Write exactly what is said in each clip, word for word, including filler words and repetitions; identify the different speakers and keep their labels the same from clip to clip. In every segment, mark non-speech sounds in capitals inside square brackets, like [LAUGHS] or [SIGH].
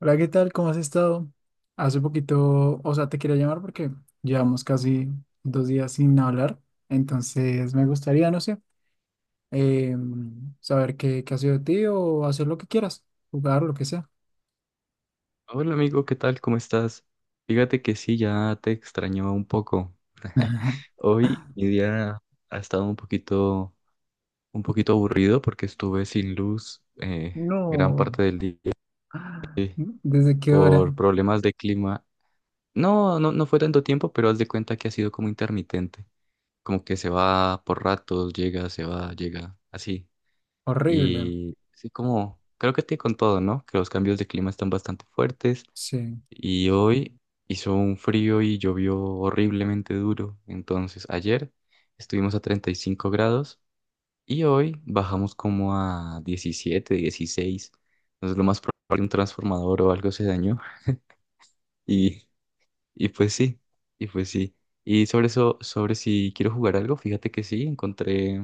Speaker 1: Hola, ¿qué tal? ¿Cómo has estado? Hace poquito, o sea, te quería llamar porque llevamos casi dos días sin hablar, entonces me gustaría, no sé, eh, saber qué, qué ha sido de ti o hacer lo que quieras, jugar, lo que sea.
Speaker 2: Hola amigo, ¿qué tal? ¿Cómo estás? Fíjate que sí, ya te extrañaba un poco. [LAUGHS]
Speaker 1: [LAUGHS]
Speaker 2: Hoy mi día ha estado un poquito, un poquito aburrido porque estuve sin luz eh, gran
Speaker 1: No,
Speaker 2: parte del día
Speaker 1: ¿desde qué hora?
Speaker 2: por problemas de clima. No, no, no fue tanto tiempo, pero haz de cuenta que ha sido como intermitente, como que se va por ratos, llega, se va, llega, así.
Speaker 1: Horrible,
Speaker 2: Y sí, como creo que te con todo, ¿no? Que los cambios de clima están bastante fuertes.
Speaker 1: sí.
Speaker 2: Y hoy hizo un frío y llovió horriblemente duro. Entonces ayer estuvimos a treinta y cinco grados y hoy bajamos como a diecisiete dieciséis. Entonces lo más probable un transformador o algo se dañó. [LAUGHS] Y, y pues sí, y pues sí. Y sobre eso, sobre si quiero jugar algo, fíjate que sí, encontré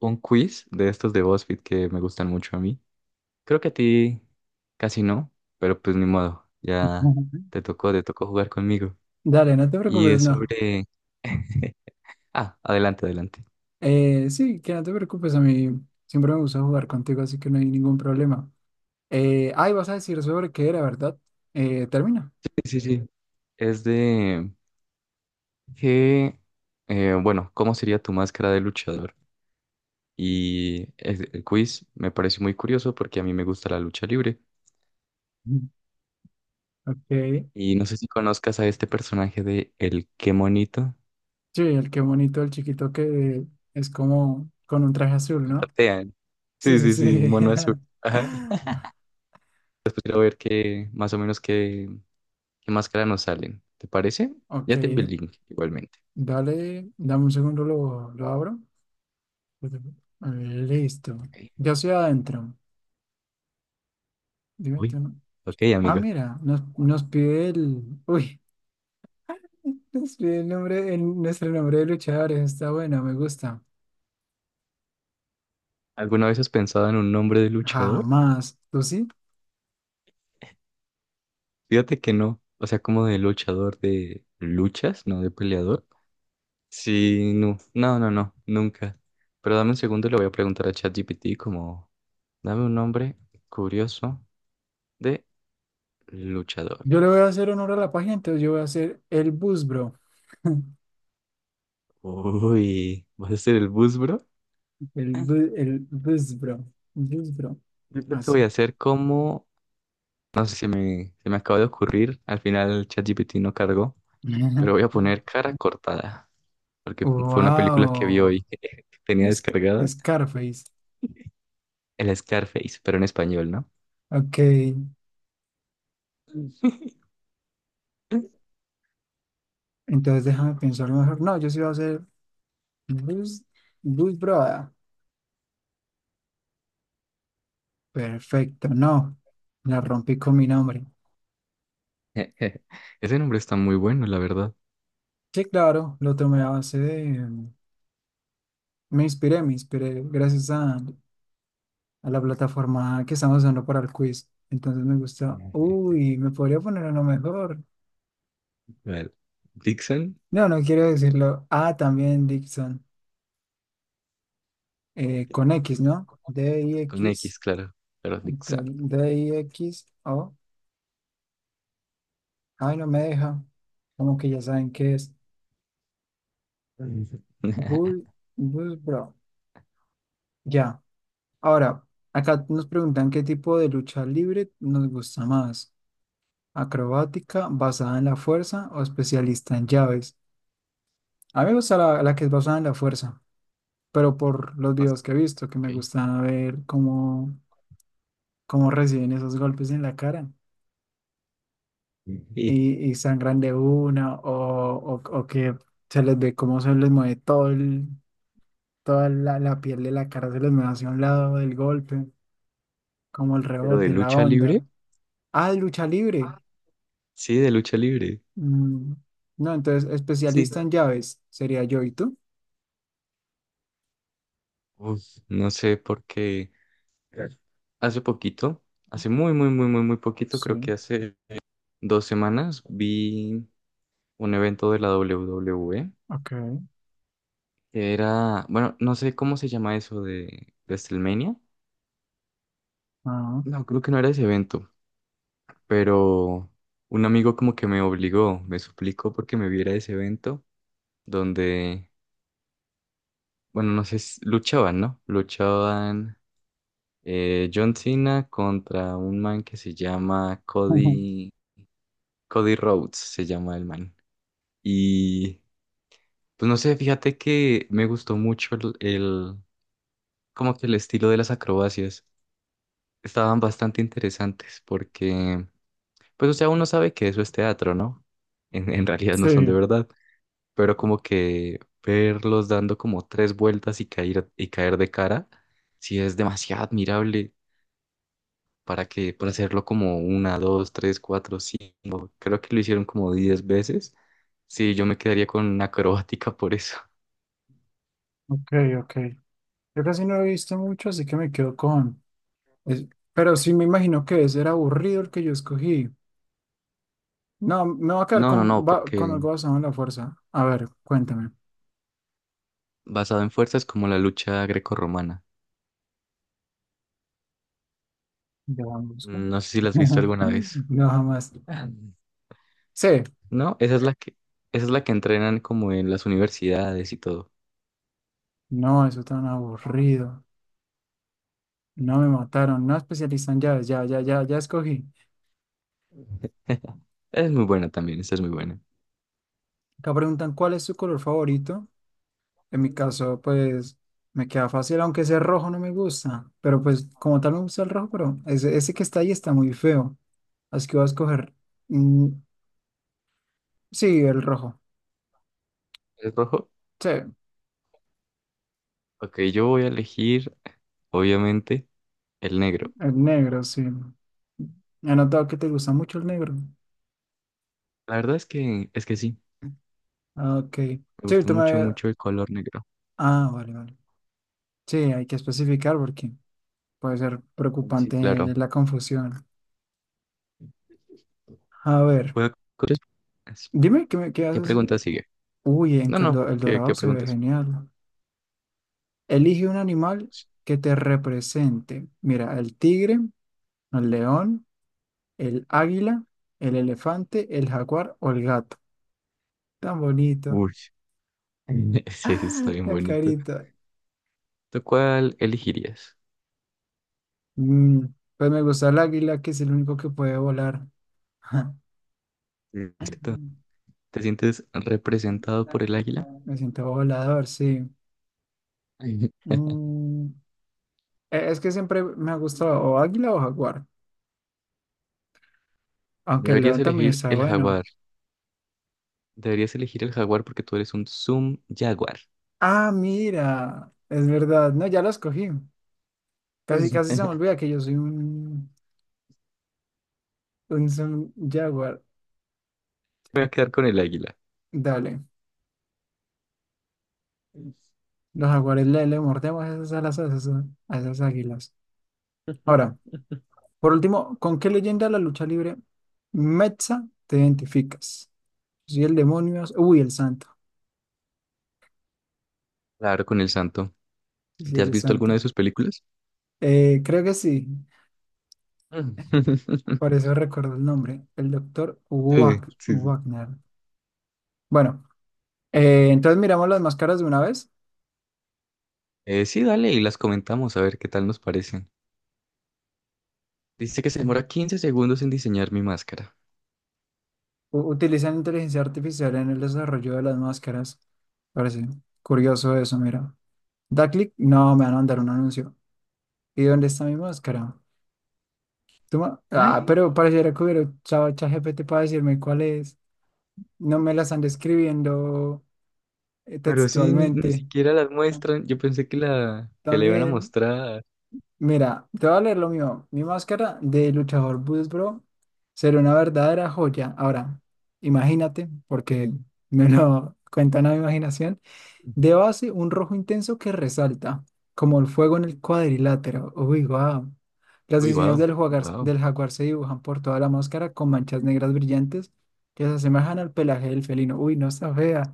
Speaker 2: un quiz de estos de BuzzFeed que me gustan mucho a mí. Creo que a ti casi no, pero pues ni modo, ya
Speaker 1: Ujú.
Speaker 2: te tocó, te tocó jugar conmigo.
Speaker 1: Dale, no te
Speaker 2: Y
Speaker 1: preocupes,
Speaker 2: es
Speaker 1: no.
Speaker 2: sobre... [LAUGHS] Ah, adelante, adelante.
Speaker 1: Eh, sí, que no te preocupes, a mí siempre me gusta jugar contigo, así que no hay ningún problema. Eh, ay, vas a decir sobre qué era, ¿verdad? Eh, termina.
Speaker 2: Sí, sí, sí, es de que, eh, bueno, ¿cómo sería tu máscara de luchador? Y el, el quiz me parece muy curioso porque a mí me gusta la lucha libre.
Speaker 1: Mm. Ok.
Speaker 2: Y no sé si conozcas a este personaje de El Qué Monito.
Speaker 1: Sí, el que bonito, el chiquito que es como con un traje azul,
Speaker 2: Que
Speaker 1: ¿no?
Speaker 2: patean.
Speaker 1: Sí,
Speaker 2: Sí,
Speaker 1: sí,
Speaker 2: sí, sí, un
Speaker 1: sí.
Speaker 2: mono azul.
Speaker 1: [LAUGHS]
Speaker 2: Ajá. Después quiero ver qué, más o menos qué, qué máscara nos salen. ¿Te parece?
Speaker 1: Ok,
Speaker 2: Ya te envié el link igualmente.
Speaker 1: dale, dame un segundo, lo, lo abro. Listo.
Speaker 2: Ok.
Speaker 1: Ya estoy adentro. Dime
Speaker 2: Uy.
Speaker 1: tú, ¿no?
Speaker 2: Ok,
Speaker 1: Ah,
Speaker 2: amigo.
Speaker 1: mira, nos, nos pide el. Uy, [LAUGHS] nos pide el nombre, el- nuestro nombre de luchadores. Está bueno, me gusta.
Speaker 2: ¿Alguna vez has pensado en un nombre de luchador?
Speaker 1: Jamás. ¿Tú sí?
Speaker 2: Fíjate que no, o sea, como de luchador de luchas, no de peleador. Sí, no, no, no, no, nunca. Pero dame un segundo, le voy a preguntar a ChatGPT como, dame un nombre curioso de luchador.
Speaker 1: Yo le voy a hacer honor a la página, entonces yo voy a hacer el Bus.
Speaker 2: Uy, ¿vas a ser el bus, bro?
Speaker 1: El, bu- el Buzbro. Buzbro.
Speaker 2: Yo creo que voy a
Speaker 1: Así.
Speaker 2: hacer como, no sé si me, se me acaba de ocurrir, al final el ChatGPT no cargó, pero voy a
Speaker 1: [LAUGHS]
Speaker 2: poner cara cortada, porque fue una película que vi
Speaker 1: Wow.
Speaker 2: hoy [LAUGHS] que tenía
Speaker 1: Es,
Speaker 2: descargada.
Speaker 1: Scarface.
Speaker 2: El Scarface, pero en español, ¿no?
Speaker 1: Ok.
Speaker 2: [LAUGHS]
Speaker 1: Entonces déjame pensar mejor. No, yo sí voy a hacer Bus, bus broda. Perfecto. No. La rompí con mi nombre.
Speaker 2: Ese nombre está muy bueno, la verdad. [LAUGHS]
Speaker 1: Sí, claro. Lo tomé a base de. Me inspiré, me inspiré. Gracias a, a la plataforma que estamos usando para el quiz. Entonces me gusta.
Speaker 2: Sí.
Speaker 1: Uy, me podría poner uno mejor.
Speaker 2: Vale. Dixon,
Speaker 1: No, no quiero decirlo. Ah, también Dixon, eh, con X, ¿no?
Speaker 2: con
Speaker 1: D I X.
Speaker 2: X, claro, pero Dixon.
Speaker 1: D I X. O. Ay, no me deja. Como que ya saben qué es.
Speaker 2: [LAUGHS]
Speaker 1: Bull, Bull Bro. Ya. Ahora, acá nos preguntan qué tipo de lucha libre nos gusta más. ¿Acrobática, basada en la fuerza o especialista en llaves? A mí me gusta la, la que es basada en la fuerza, pero por los
Speaker 2: Vas.
Speaker 1: videos que he visto, que
Speaker 2: Ok.
Speaker 1: me gusta ver cómo, cómo reciben esos golpes en la cara.
Speaker 2: Sí.
Speaker 1: y, y sangran de una o, o, o que se les ve cómo se les mueve todo el, toda la, la piel de la cara, se les mueve hacia un lado del golpe, como el
Speaker 2: Pero de
Speaker 1: rebote, la
Speaker 2: lucha libre,
Speaker 1: onda. Ah, lucha libre.
Speaker 2: sí, de lucha libre,
Speaker 1: Mm, no, entonces
Speaker 2: sí.
Speaker 1: especialista en llaves sería yo y tú.
Speaker 2: Uf, no sé por qué. Hace poquito, hace muy, muy, muy, muy, muy poquito,
Speaker 1: Sí,
Speaker 2: creo que hace dos semanas, vi un evento de la doble U doble U E.
Speaker 1: ok.
Speaker 2: Era, bueno, no sé cómo se llama eso de WrestleMania.
Speaker 1: Ah,
Speaker 2: No, creo que no era ese evento, pero un amigo como que me obligó, me suplicó porque me viera ese evento donde, bueno, no sé, s- luchaban, ¿no? Luchaban eh, John Cena contra un man que se llama
Speaker 1: ujú. [LAUGHS]
Speaker 2: Cody, Cody Rhodes, se llama el man. Y pues no sé, fíjate que me gustó mucho el, el- como que el estilo de las acrobacias. Estaban bastante interesantes porque pues, o sea, uno sabe que eso es teatro, ¿no? En, en realidad no son de
Speaker 1: Sí,
Speaker 2: verdad, pero como que verlos dando como tres vueltas y caer, y caer de cara, sí es demasiado admirable para que, para hacerlo como una, dos, tres, cuatro, cinco, creo que lo hicieron como diez veces. Sí, yo me quedaría con una acrobática por eso.
Speaker 1: ok, ok. Yo casi no he visto mucho, así que me quedo con... es- pero sí me imagino que ese era aburrido el que yo escogí. No, me va a quedar
Speaker 2: No, no,
Speaker 1: con,
Speaker 2: no,
Speaker 1: ba- con
Speaker 2: porque
Speaker 1: algo basado en la fuerza. A ver, cuéntame.
Speaker 2: basado en fuerzas como la lucha grecorromana.
Speaker 1: ¿Ya vamos?
Speaker 2: No sé si la has visto
Speaker 1: [LAUGHS]
Speaker 2: alguna vez.
Speaker 1: No, jamás.
Speaker 2: [LAUGHS]
Speaker 1: Sí.
Speaker 2: No, esa es la que, esa es la que entrenan como en las universidades y todo.
Speaker 1: No, eso tan aburrido. No me mataron. No especializan llaves. Ya, ya, ya, ya escogí.
Speaker 2: Es muy buena también, esta es muy buena.
Speaker 1: Acá preguntan cuál es tu color favorito. En mi caso, pues me queda fácil, aunque ese rojo no me gusta. Pero pues como tal me gusta el rojo, pero ese, ese que está ahí está muy feo. Así que voy a escoger. Mm, sí, el rojo.
Speaker 2: ¿Es rojo?
Speaker 1: Sí, el
Speaker 2: Ok, yo voy a elegir, obviamente, el negro.
Speaker 1: negro, sí. He notado que te gusta mucho el negro.
Speaker 2: La verdad es que, es que sí,
Speaker 1: Ah, ok.
Speaker 2: me
Speaker 1: Sí,
Speaker 2: gusta
Speaker 1: ahorita
Speaker 2: mucho,
Speaker 1: me-
Speaker 2: mucho el color negro.
Speaker 1: Ah, vale, vale. Sí, hay que especificar porque puede ser
Speaker 2: Sí,
Speaker 1: preocupante
Speaker 2: claro.
Speaker 1: la confusión. A ver,
Speaker 2: Juega con- tres preguntas.
Speaker 1: dime qué, me- qué
Speaker 2: ¿Qué
Speaker 1: haces.
Speaker 2: pregunta sigue?
Speaker 1: Uy, en
Speaker 2: No,
Speaker 1: el,
Speaker 2: no,
Speaker 1: do- el
Speaker 2: ¿qué,
Speaker 1: dorado
Speaker 2: qué
Speaker 1: se ve
Speaker 2: pregunta sigue?
Speaker 1: genial. Elige un animal que te represente. Mira, el tigre, el león, el águila, el elefante, el jaguar o el gato. Tan bonito.
Speaker 2: Uy, [LAUGHS] sí, está
Speaker 1: Ah,
Speaker 2: bien
Speaker 1: la
Speaker 2: bonito.
Speaker 1: carita.
Speaker 2: ¿Tú cuál elegirías?
Speaker 1: Mm, pues me gusta el águila, que es el único que puede volar.
Speaker 2: Listo.
Speaker 1: [LAUGHS]
Speaker 2: ¿Te sientes representado por el águila?
Speaker 1: Me siento volador, sí.
Speaker 2: [LAUGHS]
Speaker 1: Mm, e- es que siempre me ha gustado o águila o jaguar, aunque el
Speaker 2: Deberías
Speaker 1: león también
Speaker 2: elegir
Speaker 1: está
Speaker 2: el
Speaker 1: bueno.
Speaker 2: jaguar. Deberías elegir el jaguar porque tú eres un Zoom Jaguar.
Speaker 1: Ah, mira, es verdad. No, ya lo escogí. Casi,
Speaker 2: Sí.
Speaker 1: casi se me
Speaker 2: [LAUGHS]
Speaker 1: olvida que yo soy un, un, un jaguar.
Speaker 2: Voy a quedar con el águila.
Speaker 1: Dale, los jaguares le, le mordemos esas alas a esas, a esas águilas. Ahora, por último, ¿con qué leyenda de la lucha libre mexa te identificas? Si el demonio, uy, el santo.
Speaker 2: Claro, con el santo.
Speaker 1: Si
Speaker 2: ¿Te has
Speaker 1: el
Speaker 2: visto alguna
Speaker 1: santo.
Speaker 2: de sus películas?
Speaker 1: Eh, creo que sí.
Speaker 2: Mm.
Speaker 1: Por
Speaker 2: [LAUGHS]
Speaker 1: eso recuerdo el nombre, el doctor
Speaker 2: Sí, sí, sí.
Speaker 1: Wagner. Bueno, eh, entonces miramos las máscaras de una vez.
Speaker 2: Eh, sí, dale y las comentamos a ver qué tal nos parecen. Dice que se demora quince segundos en diseñar mi máscara.
Speaker 1: U- utilizan inteligencia artificial en el desarrollo de las máscaras. Parece curioso eso, mira. Da clic, no, me van a mandar un anuncio. ¿Y dónde está mi máscara? Tú ma- Ah,
Speaker 2: Ay,
Speaker 1: pero pareciera que hubiera usado ChatGPT para decirme cuál es. No me la están describiendo eh,
Speaker 2: pero sí, ni, ni
Speaker 1: textualmente.
Speaker 2: siquiera las muestran. Yo pensé que la, que la iban a
Speaker 1: También.
Speaker 2: mostrar.
Speaker 1: Mira, te voy a leer lo mío. Mi máscara de luchador Boots Bro será una verdadera joya. Ahora, imagínate, porque me lo [LAUGHS] cuentan a mi imaginación. De base, un rojo intenso que resalta, como el fuego en el cuadrilátero. Uy, guau. Los
Speaker 2: Uy,
Speaker 1: diseños
Speaker 2: wow,
Speaker 1: del jaguar,
Speaker 2: wow.
Speaker 1: del jaguar se dibujan por toda la máscara con manchas negras brillantes que se asemejan al pelaje del felino. Uy, no está fea.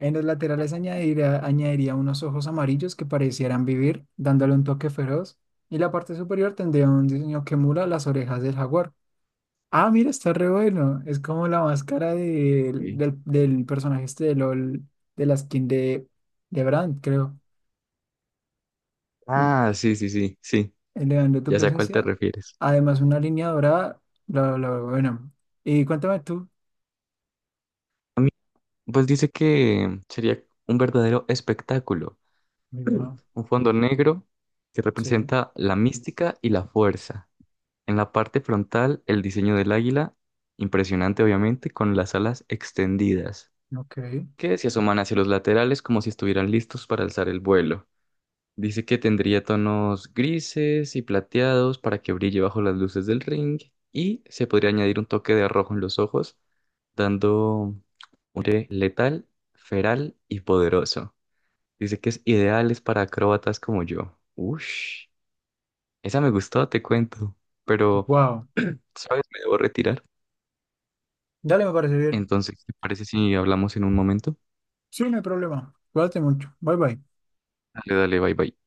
Speaker 1: En los laterales añadiría, añadiría unos ojos amarillos que parecieran vivir, dándole un toque feroz. Y la parte superior tendría un diseño que emula las orejas del jaguar. Ah, mira, está re bueno. Es como la máscara del,
Speaker 2: Ok.
Speaker 1: del, del personaje este de L O L, de la skin de, de Brand, creo. Un-
Speaker 2: Ah, sí, sí, sí, sí.
Speaker 1: Elevando tu
Speaker 2: Ya sé a cuál te
Speaker 1: presencia.
Speaker 2: refieres.
Speaker 1: Además, una línea dorada. Bla, bla, bla, bueno. Y cuéntame tú.
Speaker 2: Pues dice que sería un verdadero espectáculo,
Speaker 1: Digo, ah,
Speaker 2: un fondo negro que
Speaker 1: sí,
Speaker 2: representa la mística y la fuerza. En la parte frontal, el diseño del águila, impresionante obviamente, con las alas extendidas,
Speaker 1: ok.
Speaker 2: que se asoman hacia los laterales como si estuvieran listos para alzar el vuelo. Dice que tendría tonos grises y plateados para que brille bajo las luces del ring y se podría añadir un toque de rojo en los ojos, dando un aire letal, feral y poderoso. Dice que es ideal es para acróbatas como yo. Ush, esa me gustó, te cuento, pero,
Speaker 1: Wow.
Speaker 2: ¿sabes? Me debo retirar.
Speaker 1: Dale, me parece bien.
Speaker 2: Entonces, ¿te parece si hablamos en un momento?
Speaker 1: Sí, no hay problema. Cuídate mucho. Bye, bye.
Speaker 2: Dale, dale, bye bye.